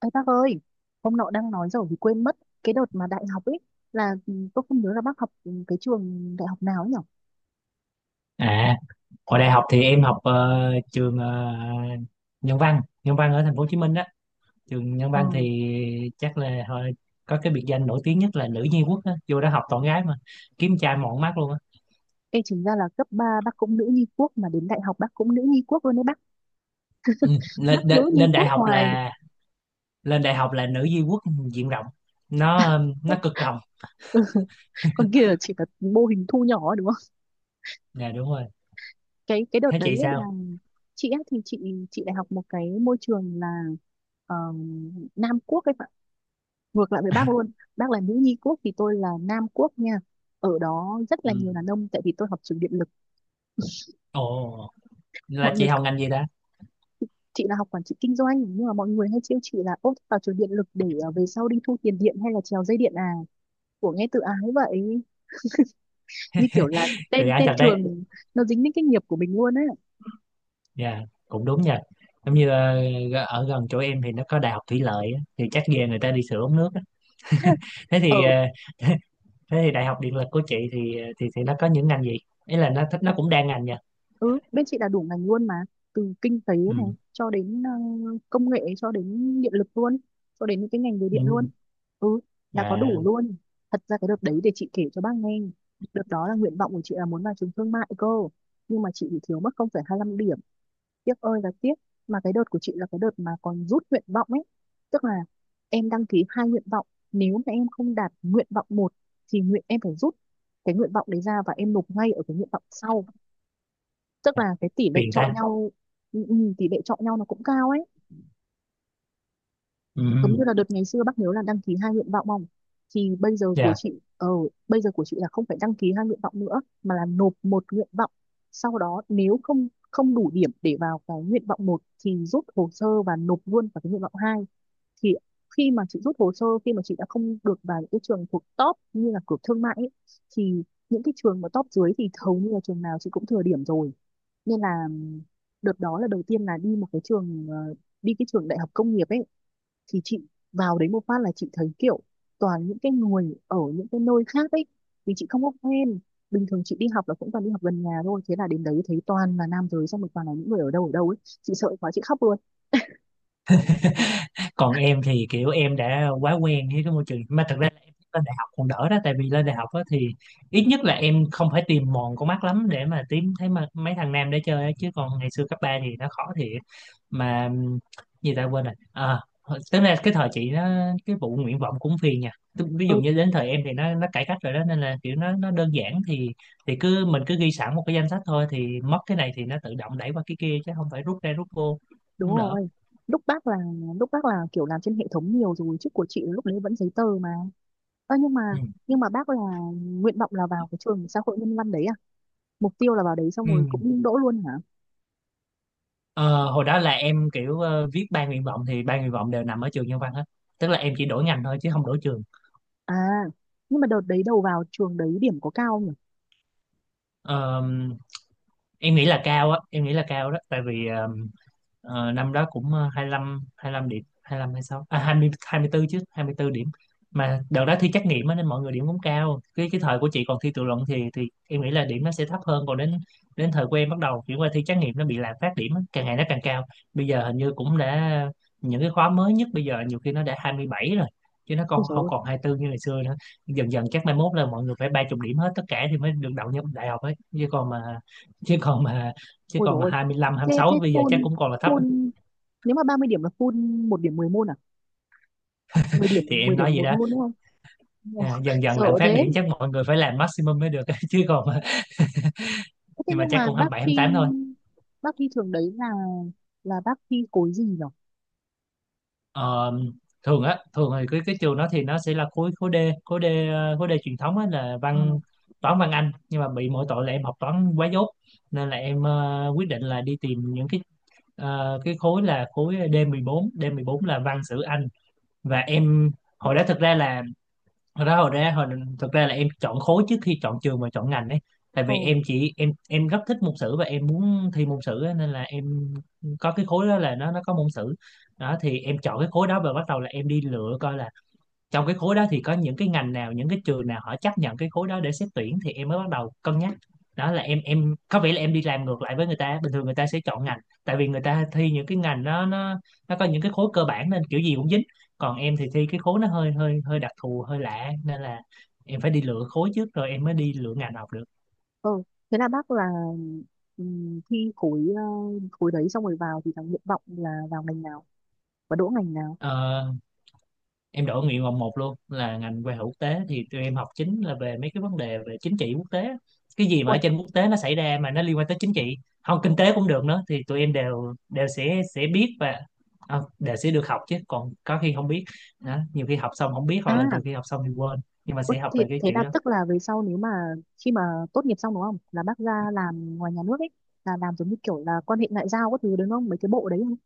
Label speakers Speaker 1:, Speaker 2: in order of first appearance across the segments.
Speaker 1: Ê bác ơi, hôm nọ đang nói rồi thì quên mất cái đợt mà đại học ấy là tôi không nhớ là bác học cái trường đại học nào ấy nhỉ?
Speaker 2: À, hồi đại học thì em học trường Nhân văn ở thành phố Hồ Chí Minh đó. Trường Nhân
Speaker 1: Ờ,
Speaker 2: văn thì chắc là hồi có cái biệt danh nổi tiếng nhất là nữ nhi quốc á, vô đó học toàn gái mà, kiếm trai mọn mắt luôn á.
Speaker 1: ê chính ra là cấp 3 bác cũng nữ nhi quốc mà đến đại học bác cũng nữ nhi quốc luôn đấy bác.
Speaker 2: Ừ, lên,
Speaker 1: Bác
Speaker 2: đe-
Speaker 1: nữ nhi
Speaker 2: lên đại
Speaker 1: quốc
Speaker 2: học
Speaker 1: hoài.
Speaker 2: là lên đại học là nữ nhi quốc diện rộng. Nó cực rộng.
Speaker 1: Ừ, còn kia là chỉ là mô hình thu nhỏ ấy, đúng không?
Speaker 2: Dạ đúng rồi.
Speaker 1: Cái đợt
Speaker 2: Thế
Speaker 1: đấy
Speaker 2: chị
Speaker 1: ấy là
Speaker 2: sao?
Speaker 1: chị ấy thì chị đại học một cái môi trường là ờ, Nam Quốc ấy, ngược lại với bác luôn. Bác là nữ nhi quốc thì tôi là nam quốc nha, ở đó rất
Speaker 2: Ừ.
Speaker 1: là nhiều đàn ông tại vì tôi học trường điện lực.
Speaker 2: Ồ, là
Speaker 1: Mọi
Speaker 2: chị
Speaker 1: người,
Speaker 2: học ngành gì ta?
Speaker 1: chị là học quản trị kinh doanh nhưng mà mọi người hay trêu chị là ốp vào trường điện lực để về sau đi thu tiền điện hay là trèo dây điện à, của nghe tự ái vậy, như kiểu là
Speaker 2: Được
Speaker 1: tên
Speaker 2: ai
Speaker 1: tên
Speaker 2: thật đấy.
Speaker 1: trường nó dính đến cái nghiệp của mình luôn á.
Speaker 2: Dạ, cũng đúng nha. Giống như ở gần chỗ em thì nó có đại học thủy lợi á, thì chắc về người ta đi sửa ống nước á. Thế
Speaker 1: Ở,
Speaker 2: thì ờ, thế thì đại học điện lực của chị thì thì nó có những ngành gì? Ý là nó thích nó cũng đa ngành nha.
Speaker 1: ừ bên chị là đủ ngành luôn mà, từ kinh tế
Speaker 2: Ừ.
Speaker 1: này cho đến công nghệ cho đến điện lực luôn, cho đến những cái ngành về điện
Speaker 2: Ừ.
Speaker 1: luôn, ừ là có đủ
Speaker 2: À,
Speaker 1: luôn. Thật ra cái đợt đấy để chị kể cho bác nghe, đợt đó là nguyện vọng của chị là muốn vào trường thương mại cơ, nhưng mà chị bị thiếu mất 0,25 điểm, tiếc ơi là tiếc. Mà cái đợt của chị là cái đợt mà còn rút nguyện vọng ấy, tức là em đăng ký hai nguyện vọng, nếu mà em không đạt nguyện vọng một thì nguyện em phải rút cái nguyện vọng đấy ra và em nộp ngay ở cái nguyện vọng sau, tức là cái tỷ lệ
Speaker 2: phiền
Speaker 1: chọi
Speaker 2: ta.
Speaker 1: nhau. Tỷ lệ chọi nhau nó cũng cao ấy,
Speaker 2: Ừ.
Speaker 1: giống như là đợt ngày xưa bác nhớ là đăng ký hai nguyện vọng không, thì bây giờ của
Speaker 2: Dạ.
Speaker 1: chị bây giờ của chị là không phải đăng ký hai nguyện vọng nữa mà là nộp một nguyện vọng, sau đó nếu không không đủ điểm để vào cái nguyện vọng một thì rút hồ sơ và nộp luôn vào cái nguyện vọng hai. Thì khi mà chị rút hồ sơ, khi mà chị đã không được vào những cái trường thuộc top như là cửa thương mại ấy, thì những cái trường mà top dưới thì hầu như là trường nào chị cũng thừa điểm rồi, nên là đợt đó là đầu tiên là đi một cái trường đi cái trường đại học công nghiệp ấy. Thì chị vào đấy một phát là chị thấy kiểu toàn những cái người ở những cái nơi khác ấy, vì chị không có quen, bình thường chị đi học là cũng toàn đi học gần nhà thôi, thế là đến đấy thấy toàn là nam giới xong rồi toàn là những người ở đâu ấy, chị sợ quá chị khóc luôn.
Speaker 2: Còn em thì kiểu em đã quá quen với cái môi trường mà thật ra là em lên đại học còn đỡ đó, tại vì lên đại học á thì ít nhất là em không phải tìm mòn con mắt lắm để mà tìm thấy mà mấy thằng nam để chơi á, chứ còn ngày xưa cấp 3 thì nó khó thiệt mà. Gì ta quên rồi à, tức là cái thời chị nó, cái vụ nguyện vọng cũng phiền nha. Ví dụ
Speaker 1: Ừ,
Speaker 2: như đến thời em thì nó cải cách rồi đó, nên là kiểu nó đơn giản, thì cứ mình cứ ghi sẵn một cái danh sách thôi, thì mất cái này thì nó tự động đẩy qua cái kia chứ không phải rút ra rút vô,
Speaker 1: đúng
Speaker 2: không đỡ.
Speaker 1: rồi. Lúc bác là, lúc bác là kiểu làm trên hệ thống nhiều rồi chứ của chị lúc đấy vẫn giấy tờ mà. Ơ nhưng mà,
Speaker 2: Ừ.
Speaker 1: nhưng mà bác là nguyện vọng là vào cái trường xã hội nhân văn đấy à, mục tiêu là vào đấy xong
Speaker 2: Ừ.
Speaker 1: rồi cũng đỗ luôn hả?
Speaker 2: Ờ, Hồi đó là em kiểu viết ba nguyện vọng thì ba nguyện vọng đều nằm ở trường Nhân văn hết, tức là em chỉ đổi ngành thôi chứ không đổi trường.
Speaker 1: À, nhưng mà đợt đấy đầu vào trường đấy điểm có cao không nhỉ?
Speaker 2: Ờ, em nghĩ là cao á, em nghĩ là cao đó, tại vì năm đó cũng 25 lăm hai lăm điểm hai lăm hai 26 à 20 24 chứ 24 điểm. Mà đợt đó thi trắc nghiệm á nên mọi người điểm cũng cao, cái thời của chị còn thi tự luận thì em nghĩ là điểm nó sẽ thấp hơn. Còn đến đến thời của em bắt đầu chuyển qua thi trắc nghiệm nó bị lạm phát điểm á, càng ngày nó càng cao, bây giờ hình như cũng đã những cái khóa mới nhất bây giờ nhiều khi nó đã 27 rồi, chứ nó
Speaker 1: Ôi
Speaker 2: còn
Speaker 1: dồi
Speaker 2: không
Speaker 1: ôi,
Speaker 2: còn 24 như ngày xưa nữa. Dần dần chắc mai mốt là mọi người phải 30 điểm hết tất cả thì mới được đậu nhập đại học ấy, chứ còn mà chứ còn mà chứ
Speaker 1: ôi dồi
Speaker 2: còn mà
Speaker 1: ôi.
Speaker 2: hai hai mươi lăm hai mươi
Speaker 1: Thế,
Speaker 2: sáu
Speaker 1: thế
Speaker 2: bây giờ chắc
Speaker 1: full,
Speaker 2: cũng còn là thấp.
Speaker 1: full, nếu mà 30 điểm là full một điểm 10 môn à? Mười điểm,
Speaker 2: Thì
Speaker 1: 10
Speaker 2: em nói
Speaker 1: điểm
Speaker 2: vậy
Speaker 1: một
Speaker 2: đó.
Speaker 1: môn đúng không? Ồ,
Speaker 2: À, dần dần
Speaker 1: sợ
Speaker 2: lạm phát
Speaker 1: thế.
Speaker 2: điểm chắc mọi người phải làm maximum mới được chứ còn mà,
Speaker 1: Thế thế
Speaker 2: nhưng mà
Speaker 1: nhưng
Speaker 2: chắc
Speaker 1: mà
Speaker 2: cũng hai hai mươi bảy hai mươi tám thôi.
Speaker 1: bác thi trường đấy là bác thi khối gì nhỉ?
Speaker 2: Ờ, thường thì cái trường đó thì nó sẽ là khối khối D ờ, khối D truyền thống á, là
Speaker 1: Ờ,
Speaker 2: văn toán văn Anh. Nhưng mà bị mỗi tội là em học toán quá dốt, nên là em quyết định là đi tìm những cái khối, là khối d mười bốn d 14 là văn sử Anh. Và em hồi đó thực ra là hồi đó hồi ra hồi thực ra là em chọn khối trước khi chọn trường và chọn ngành ấy. Tại
Speaker 1: ờ,
Speaker 2: vì em chỉ em rất thích môn sử và em muốn thi môn sử á, nên là em có cái khối đó, là nó có môn sử. Đó thì em chọn cái khối đó và bắt đầu là em đi lựa coi là trong cái khối đó thì có những cái ngành nào, những cái trường nào họ chấp nhận cái khối đó để xét tuyển, thì em mới bắt đầu cân nhắc. Đó là em có vẻ là em đi làm ngược lại với người ta, bình thường người ta sẽ chọn ngành tại vì người ta thi những cái ngành nó có những cái khối cơ bản nên kiểu gì cũng dính. Còn em thì thi cái khối nó hơi hơi hơi đặc thù, hơi lạ, nên là em phải đi lựa khối trước rồi em mới đi lựa ngành học được.
Speaker 1: ờ. Thế là bác là thi khối, khối đấy xong rồi vào thì thằng nguyện vọng là vào ngành nào? Và đỗ ngành nào?
Speaker 2: Ờ, em đổi nguyện vọng một luôn là ngành quan hệ quốc tế. Thì tụi em học chính là về mấy cái vấn đề về chính trị quốc tế, cái gì mà
Speaker 1: Ui,
Speaker 2: ở trên quốc tế nó xảy ra mà nó liên quan tới chính trị, không kinh tế cũng được nữa, thì tụi em đều đều sẽ biết và đều sẽ được học. Chứ còn có khi không biết đó, nhiều khi học xong không biết hoặc là
Speaker 1: à.
Speaker 2: nhiều khi học xong thì quên nhưng mà
Speaker 1: Ủa,
Speaker 2: sẽ học
Speaker 1: thế,
Speaker 2: lại cái
Speaker 1: thế
Speaker 2: kiểu
Speaker 1: là
Speaker 2: đó.
Speaker 1: tức là về sau nếu mà khi mà tốt nghiệp xong đúng không là bác ra làm ngoài nhà nước ấy, là làm giống như kiểu là quan hệ ngoại giao các thứ đúng không mấy cái bộ đấy không?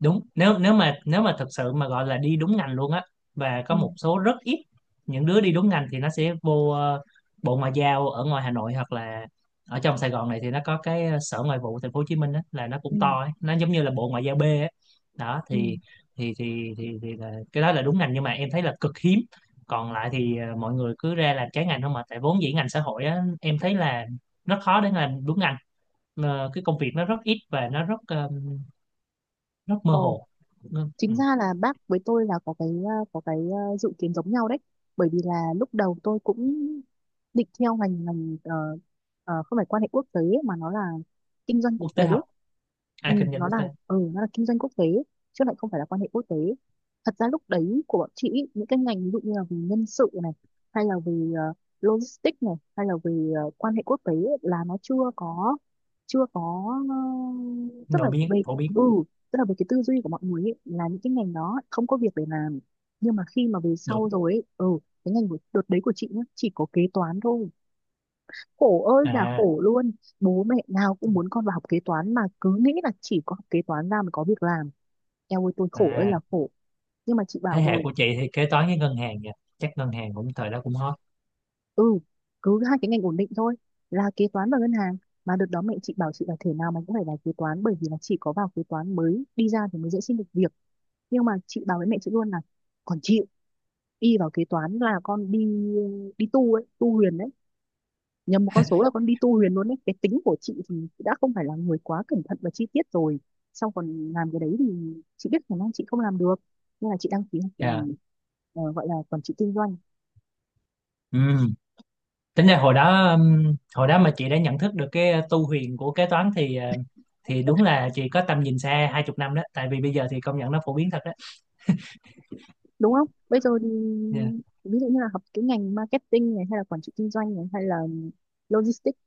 Speaker 2: Đúng, nếu nếu mà thật sự mà gọi là đi đúng ngành luôn á, và có
Speaker 1: ừ
Speaker 2: một số rất ít những đứa đi đúng ngành thì nó sẽ vô bộ ngoại giao ở ngoài Hà Nội, hoặc là ở trong Sài Gòn này thì nó có cái sở ngoại vụ thành phố Hồ Chí Minh á, là nó
Speaker 1: ừ
Speaker 2: cũng to ấy. Nó giống như là bộ ngoại giao B ấy. Đó
Speaker 1: ừ
Speaker 2: cái đó là đúng ngành nhưng mà em thấy là cực hiếm. Còn lại thì mọi người cứ ra làm trái ngành không mà, tại vốn dĩ ngành xã hội á em thấy là nó khó để làm đúng ngành. Cái công việc nó rất ít và nó rất mơ
Speaker 1: Ồ,
Speaker 2: hồ.
Speaker 1: chính
Speaker 2: Ừ.
Speaker 1: ra là bác với tôi là có cái có cái dự kiến giống nhau đấy, bởi vì là lúc đầu tôi cũng định theo ngành ngành không phải quan hệ quốc tế mà nó là kinh doanh quốc
Speaker 2: Quốc
Speaker 1: tế.
Speaker 2: tế học.
Speaker 1: Ừ,
Speaker 2: À kinh doanh
Speaker 1: nó
Speaker 2: quốc
Speaker 1: là
Speaker 2: tế.
Speaker 1: nó là kinh doanh quốc tế chứ lại không phải là quan hệ quốc tế. Thật ra lúc đấy của bọn chị ý, những cái ngành ví dụ như là về nhân sự này hay là về logistics này hay là về quan hệ quốc tế ấy, là nó chưa có, chưa có ờ, Tức là
Speaker 2: Nổi tiếng
Speaker 1: về,
Speaker 2: phổ biến.
Speaker 1: ừ, tức là về cái tư duy của mọi người ấy, là những cái ngành đó không có việc để làm. Nhưng mà khi mà về
Speaker 2: Đúng.
Speaker 1: sau rồi ấy, ừ, cái ngành của đợt đấy của chị nhá chỉ có kế toán thôi, khổ ơi là
Speaker 2: À,
Speaker 1: khổ luôn. Bố mẹ nào cũng muốn con vào học kế toán mà cứ nghĩ là chỉ có học kế toán ra mới có việc làm, eo ơi tôi khổ ơi
Speaker 2: à,
Speaker 1: là khổ. Nhưng mà chị
Speaker 2: thế
Speaker 1: bảo
Speaker 2: hệ
Speaker 1: rồi,
Speaker 2: của chị thì kế toán với ngân hàng nha, chắc ngân hàng cũng thời đó cũng hot.
Speaker 1: ừ, cứ hai cái ngành ổn định thôi là kế toán và ngân hàng. Mà đợt đó mẹ chị bảo chị là thể nào mày cũng phải vào kế toán bởi vì là chỉ có vào kế toán mới đi ra thì mới dễ xin được việc. Nhưng mà chị bảo với mẹ chị luôn là còn chịu, y vào kế toán là con đi đi tu ấy, tu huyền đấy, nhầm một con số là con đi tu huyền luôn đấy. Cái tính của chị thì đã không phải là người quá cẩn thận và chi tiết rồi, xong còn làm cái đấy thì chị biết khả năng chị không làm được, nên là chị đăng ký học
Speaker 2: Dạ.
Speaker 1: gọi là quản trị kinh doanh.
Speaker 2: Ừ. Tính ra hồi đó mà chị đã nhận thức được cái tu huyền của kế toán thì thì đúng là chị có tầm nhìn xa 20 năm đó, tại vì bây giờ thì công nhận nó phổ biến thật đó.
Speaker 1: Đúng không bây giờ thì
Speaker 2: Dạ,
Speaker 1: ví dụ như là học cái ngành marketing này hay là quản trị kinh doanh này hay là logistics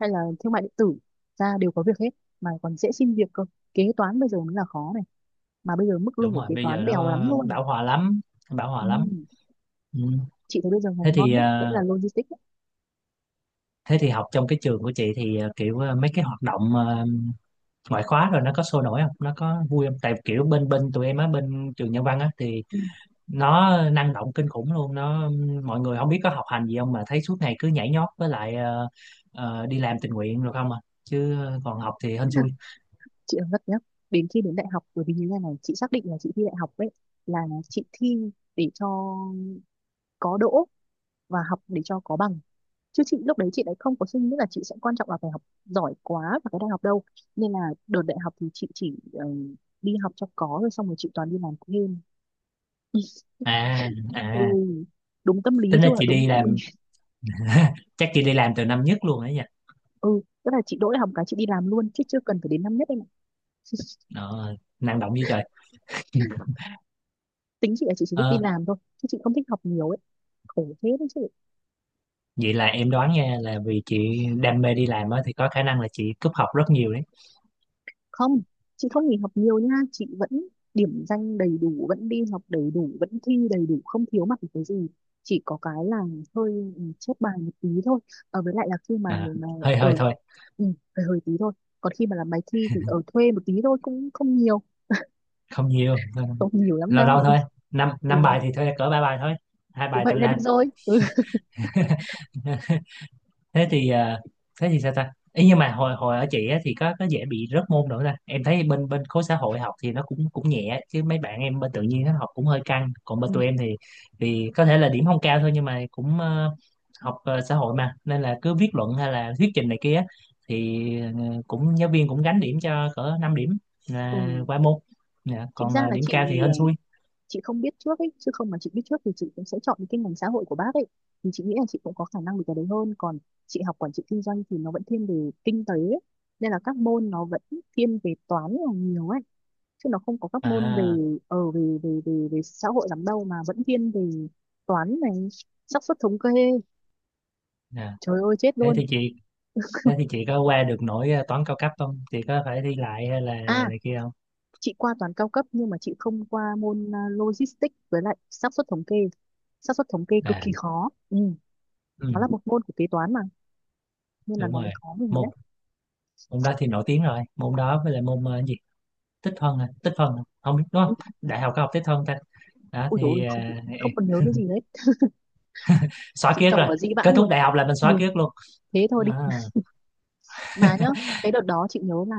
Speaker 1: hay là thương mại điện tử, ra đều có việc hết, mà còn dễ xin việc cơ. Kế toán bây giờ mới là khó này, mà bây giờ mức lương
Speaker 2: đúng
Speaker 1: của
Speaker 2: rồi,
Speaker 1: kế
Speaker 2: bây giờ
Speaker 1: toán bèo
Speaker 2: nó
Speaker 1: lắm luôn.
Speaker 2: bão hòa lắm, bão hòa
Speaker 1: Ừ.
Speaker 2: lắm. Ừ.
Speaker 1: Chị thấy bây giờ
Speaker 2: Thế
Speaker 1: ngành ngon
Speaker 2: thì
Speaker 1: nhất vẫn là logistics ấy.
Speaker 2: học trong cái trường của chị thì kiểu mấy cái hoạt động ngoại khóa rồi nó có sôi nổi không, nó có vui không, tại kiểu bên bên tụi em á, bên trường Nhân văn á, thì
Speaker 1: Ừ.
Speaker 2: nó năng động kinh khủng luôn. Nó mọi người không biết có học hành gì không mà thấy suốt ngày cứ nhảy nhót với lại đi làm tình nguyện rồi không à, chứ còn học thì hên xui.
Speaker 1: Chị nói thật nhá, đến khi đến đại học bởi vì như thế này chị xác định là chị thi đại học ấy, là chị thi để cho có đỗ và học để cho có bằng, chứ chị lúc đấy chị lại không có suy nghĩ là chị sẽ quan trọng là phải học giỏi quá vào cái đại học đâu, nên là đợt đại học thì chị chỉ đi học cho có rồi xong rồi chị toàn đi làm thêm.
Speaker 2: À,
Speaker 1: Ừ,
Speaker 2: à,
Speaker 1: đúng tâm lý
Speaker 2: tính ra
Speaker 1: chứ ạ,
Speaker 2: chị
Speaker 1: đúng
Speaker 2: đi
Speaker 1: tâm lý.
Speaker 2: làm chắc chị đi làm từ năm nhất luôn đấy nha.
Speaker 1: Ừ, tức là chị đỗ đại học cái chị đi làm luôn chứ chưa cần phải đến năm nhất em ạ.
Speaker 2: Ờ, Năng động như trời.
Speaker 1: Tính chị là chị chỉ thích đi
Speaker 2: Ờ,
Speaker 1: làm thôi chứ chị không thích học nhiều ấy, khổ thế đấy chứ.
Speaker 2: Vậy là em đoán nha, là vì chị đam mê đi làm á thì có khả năng là chị cúp học rất nhiều đấy.
Speaker 1: Không, chị không nghỉ học nhiều nha, chị vẫn điểm danh đầy đủ vẫn đi học đầy đủ vẫn thi đầy đủ không thiếu mặt một cái gì, chỉ có cái là hơi chép bài một tí thôi. À, với lại là khi mà
Speaker 2: À,
Speaker 1: mà
Speaker 2: hơi
Speaker 1: ở,
Speaker 2: hơi thôi,
Speaker 1: ừ, hơi hơi tí thôi. Còn khi mà làm bài thi thì ở thuê một tí thôi, cũng không nhiều,
Speaker 2: không nhiều,
Speaker 1: không nhiều lắm
Speaker 2: lâu lâu
Speaker 1: đâu.
Speaker 2: thôi, năm
Speaker 1: Ừ,
Speaker 2: năm bài thì thôi cỡ ba bài thôi, hai
Speaker 1: thế
Speaker 2: bài
Speaker 1: vậy
Speaker 2: tự
Speaker 1: là
Speaker 2: làm.
Speaker 1: được rồi, ừ.
Speaker 2: Thế thì sao ta ý, nhưng mà hồi hồi ở chị á, thì có dễ bị rớt môn nữa ta. Em thấy bên bên khối xã hội học thì nó cũng cũng nhẹ, chứ mấy bạn em bên tự nhiên nó học cũng hơi căng. Còn bên tụi em thì có thể là điểm không cao thôi, nhưng mà cũng học xã hội mà, nên là cứ viết luận hay là thuyết trình này kia á, thì cũng giáo viên cũng gánh điểm cho cỡ 5 điểm
Speaker 1: Ừ.
Speaker 2: là qua môn. Dạ,
Speaker 1: Chính
Speaker 2: còn
Speaker 1: ra là
Speaker 2: điểm
Speaker 1: chị,
Speaker 2: cao thì
Speaker 1: ờ,
Speaker 2: hên xui.
Speaker 1: chị không biết trước ấy, chứ không mà chị biết trước thì chị cũng sẽ chọn những cái ngành xã hội của bác ấy, thì chị nghĩ là chị cũng có khả năng được cái đấy hơn. Còn chị học quản trị kinh doanh thì nó vẫn thiên về kinh tế ấy, nên là các môn nó vẫn thiên về toán là nhiều ấy, chứ nó không có các môn về
Speaker 2: À,
Speaker 1: ở về về về về xã hội lắm đâu, mà vẫn thiên về toán này, xác suất thống kê,
Speaker 2: à,
Speaker 1: trời ơi chết
Speaker 2: thế
Speaker 1: luôn.
Speaker 2: thì chị thế thì chị có qua được nổi toán cao cấp không, chị có phải thi lại hay là
Speaker 1: À,
Speaker 2: này kia không?
Speaker 1: chị qua toán cao cấp nhưng mà chị không qua môn à, logistics với lại xác suất thống kê, xác suất thống kê cực
Speaker 2: À.
Speaker 1: kỳ khó, ừ.
Speaker 2: Ừ,
Speaker 1: Nó là một môn của kế toán mà, nên là
Speaker 2: đúng
Speaker 1: nó mới
Speaker 2: rồi,
Speaker 1: khó mình nhé.
Speaker 2: môn môn đó thì nổi tiếng rồi, môn đó với lại môn cái gì, tích phân à, tích phân à? Không biết đúng không, đại học có học tích phân ta? Đó
Speaker 1: Ui dồi ôi,
Speaker 2: thì
Speaker 1: không, không còn nhớ cái gì hết,
Speaker 2: xóa
Speaker 1: chị
Speaker 2: ký ức
Speaker 1: cho
Speaker 2: rồi.
Speaker 1: vào dĩ
Speaker 2: Kết
Speaker 1: vãng luôn.
Speaker 2: thúc đại học là mình xóa
Speaker 1: Ừ,
Speaker 2: ký ức luôn.
Speaker 1: thế thôi đi
Speaker 2: À,
Speaker 1: mà nhá. Cái đợt đó chị nhớ là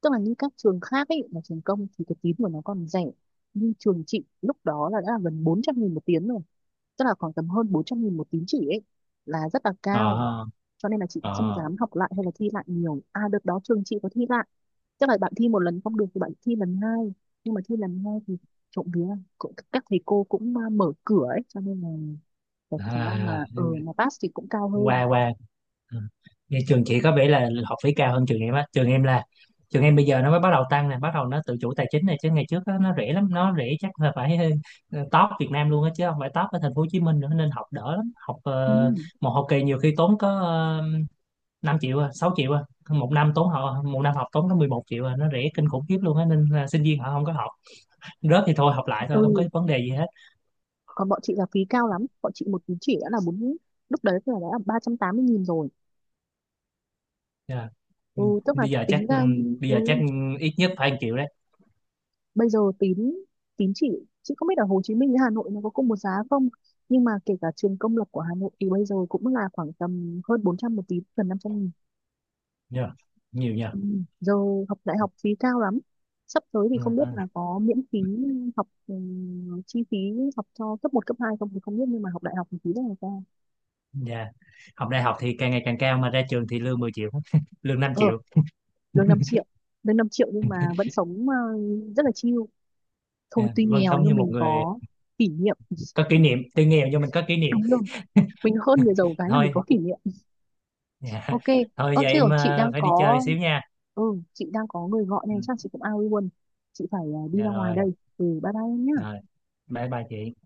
Speaker 1: tức là như các trường khác ấy là trường công thì cái tín của nó còn rẻ, nhưng trường chị lúc đó là đã là gần 400 nghìn một tín rồi, tức là khoảng tầm hơn 400 nghìn một tín chỉ ấy, là rất là cao.
Speaker 2: ờ
Speaker 1: Cho nên là chị cũng
Speaker 2: ờ
Speaker 1: không
Speaker 2: ờ.
Speaker 1: dám học lại hay là thi lại nhiều, à đợt đó trường chị có thi lại, chắc là bạn thi một lần không được thì bạn thi lần hai, nhưng mà thi lần hai thì trộm vía cũng các thầy cô cũng à, mở cửa ấy, cho nên là cái khả năng mà
Speaker 2: À,
Speaker 1: ờ mà pass thì cũng cao hơn.
Speaker 2: qua qua. Ừ. Vậy trường chị có vẻ là học phí cao hơn trường em á. Trường em bây giờ nó mới bắt đầu tăng nè, bắt đầu nó tự chủ tài chính này, chứ ngày trước á, nó rẻ lắm, nó rẻ chắc là phải top Việt Nam luôn á chứ không phải top ở thành phố Hồ Chí Minh nữa, nên học đỡ lắm.
Speaker 1: ừ,
Speaker 2: Một học kỳ nhiều khi tốn có 5 triệu à, 6 triệu à, một năm học tốn có 11 triệu à. Nó rẻ kinh khủng khiếp luôn á, nên là sinh viên họ không có học rớt thì thôi, học lại thôi, không có
Speaker 1: ừ.
Speaker 2: vấn đề gì hết.
Speaker 1: Còn bọn chị là phí cao lắm, bọn chị một tín chỉ đã là bốn, lúc đấy là đã là ba trăm tám mươi nghìn rồi.
Speaker 2: Dạ.
Speaker 1: Ừ,
Speaker 2: Ừ.
Speaker 1: tức là
Speaker 2: Bây giờ chắc,
Speaker 1: tính ra
Speaker 2: bây
Speaker 1: ừ,
Speaker 2: giờ chắc ít nhất phải 1 triệu đấy.
Speaker 1: bây giờ tín, tín chỉ chị không biết ở Hồ Chí Minh với Hà Nội nó có cùng một giá không, nhưng mà kể cả trường công lập của Hà Nội thì bây giờ cũng là khoảng tầm hơn 400 một tín gần 500 nghìn.
Speaker 2: Dạ. Nhiều nhờ.
Speaker 1: Ừ. Giờ học đại học phí cao lắm, sắp tới thì
Speaker 2: Ừ.
Speaker 1: không biết
Speaker 2: Ừ.
Speaker 1: là có miễn phí học chi phí học cho cấp một cấp 2 không thì không biết, nhưng mà học đại học thì phí rất là cao.
Speaker 2: Dạ. Học đại học thì càng ngày càng cao mà ra trường thì lương 10 triệu, lương năm
Speaker 1: Ờ,
Speaker 2: triệu.
Speaker 1: lương 5 triệu, lương 5 triệu nhưng mà vẫn sống rất là chill, thôi
Speaker 2: Dạ.
Speaker 1: tuy
Speaker 2: Vâng,
Speaker 1: nghèo
Speaker 2: sống như
Speaker 1: nhưng
Speaker 2: một
Speaker 1: mình
Speaker 2: người
Speaker 1: có kỷ niệm.
Speaker 2: có kỷ niệm, tuy nghèo nhưng mình có kỷ niệm.
Speaker 1: Đúng rồi, mình hơn người giàu cái là mình
Speaker 2: Thôi,
Speaker 1: có kỷ niệm.
Speaker 2: dạ.
Speaker 1: Ok.
Speaker 2: Thôi
Speaker 1: Ơ
Speaker 2: giờ
Speaker 1: chứ
Speaker 2: em
Speaker 1: rồi chị đang
Speaker 2: phải đi chơi
Speaker 1: có,
Speaker 2: xíu nha.
Speaker 1: ừ, chị đang có người gọi
Speaker 2: Ừ.
Speaker 1: nên chắc chị cũng ao luôn, chị phải à, đi
Speaker 2: Dạ
Speaker 1: ra ngoài
Speaker 2: rồi,
Speaker 1: đây. Ừ, bye bye em
Speaker 2: rồi.
Speaker 1: nhá.
Speaker 2: Bye bye chị.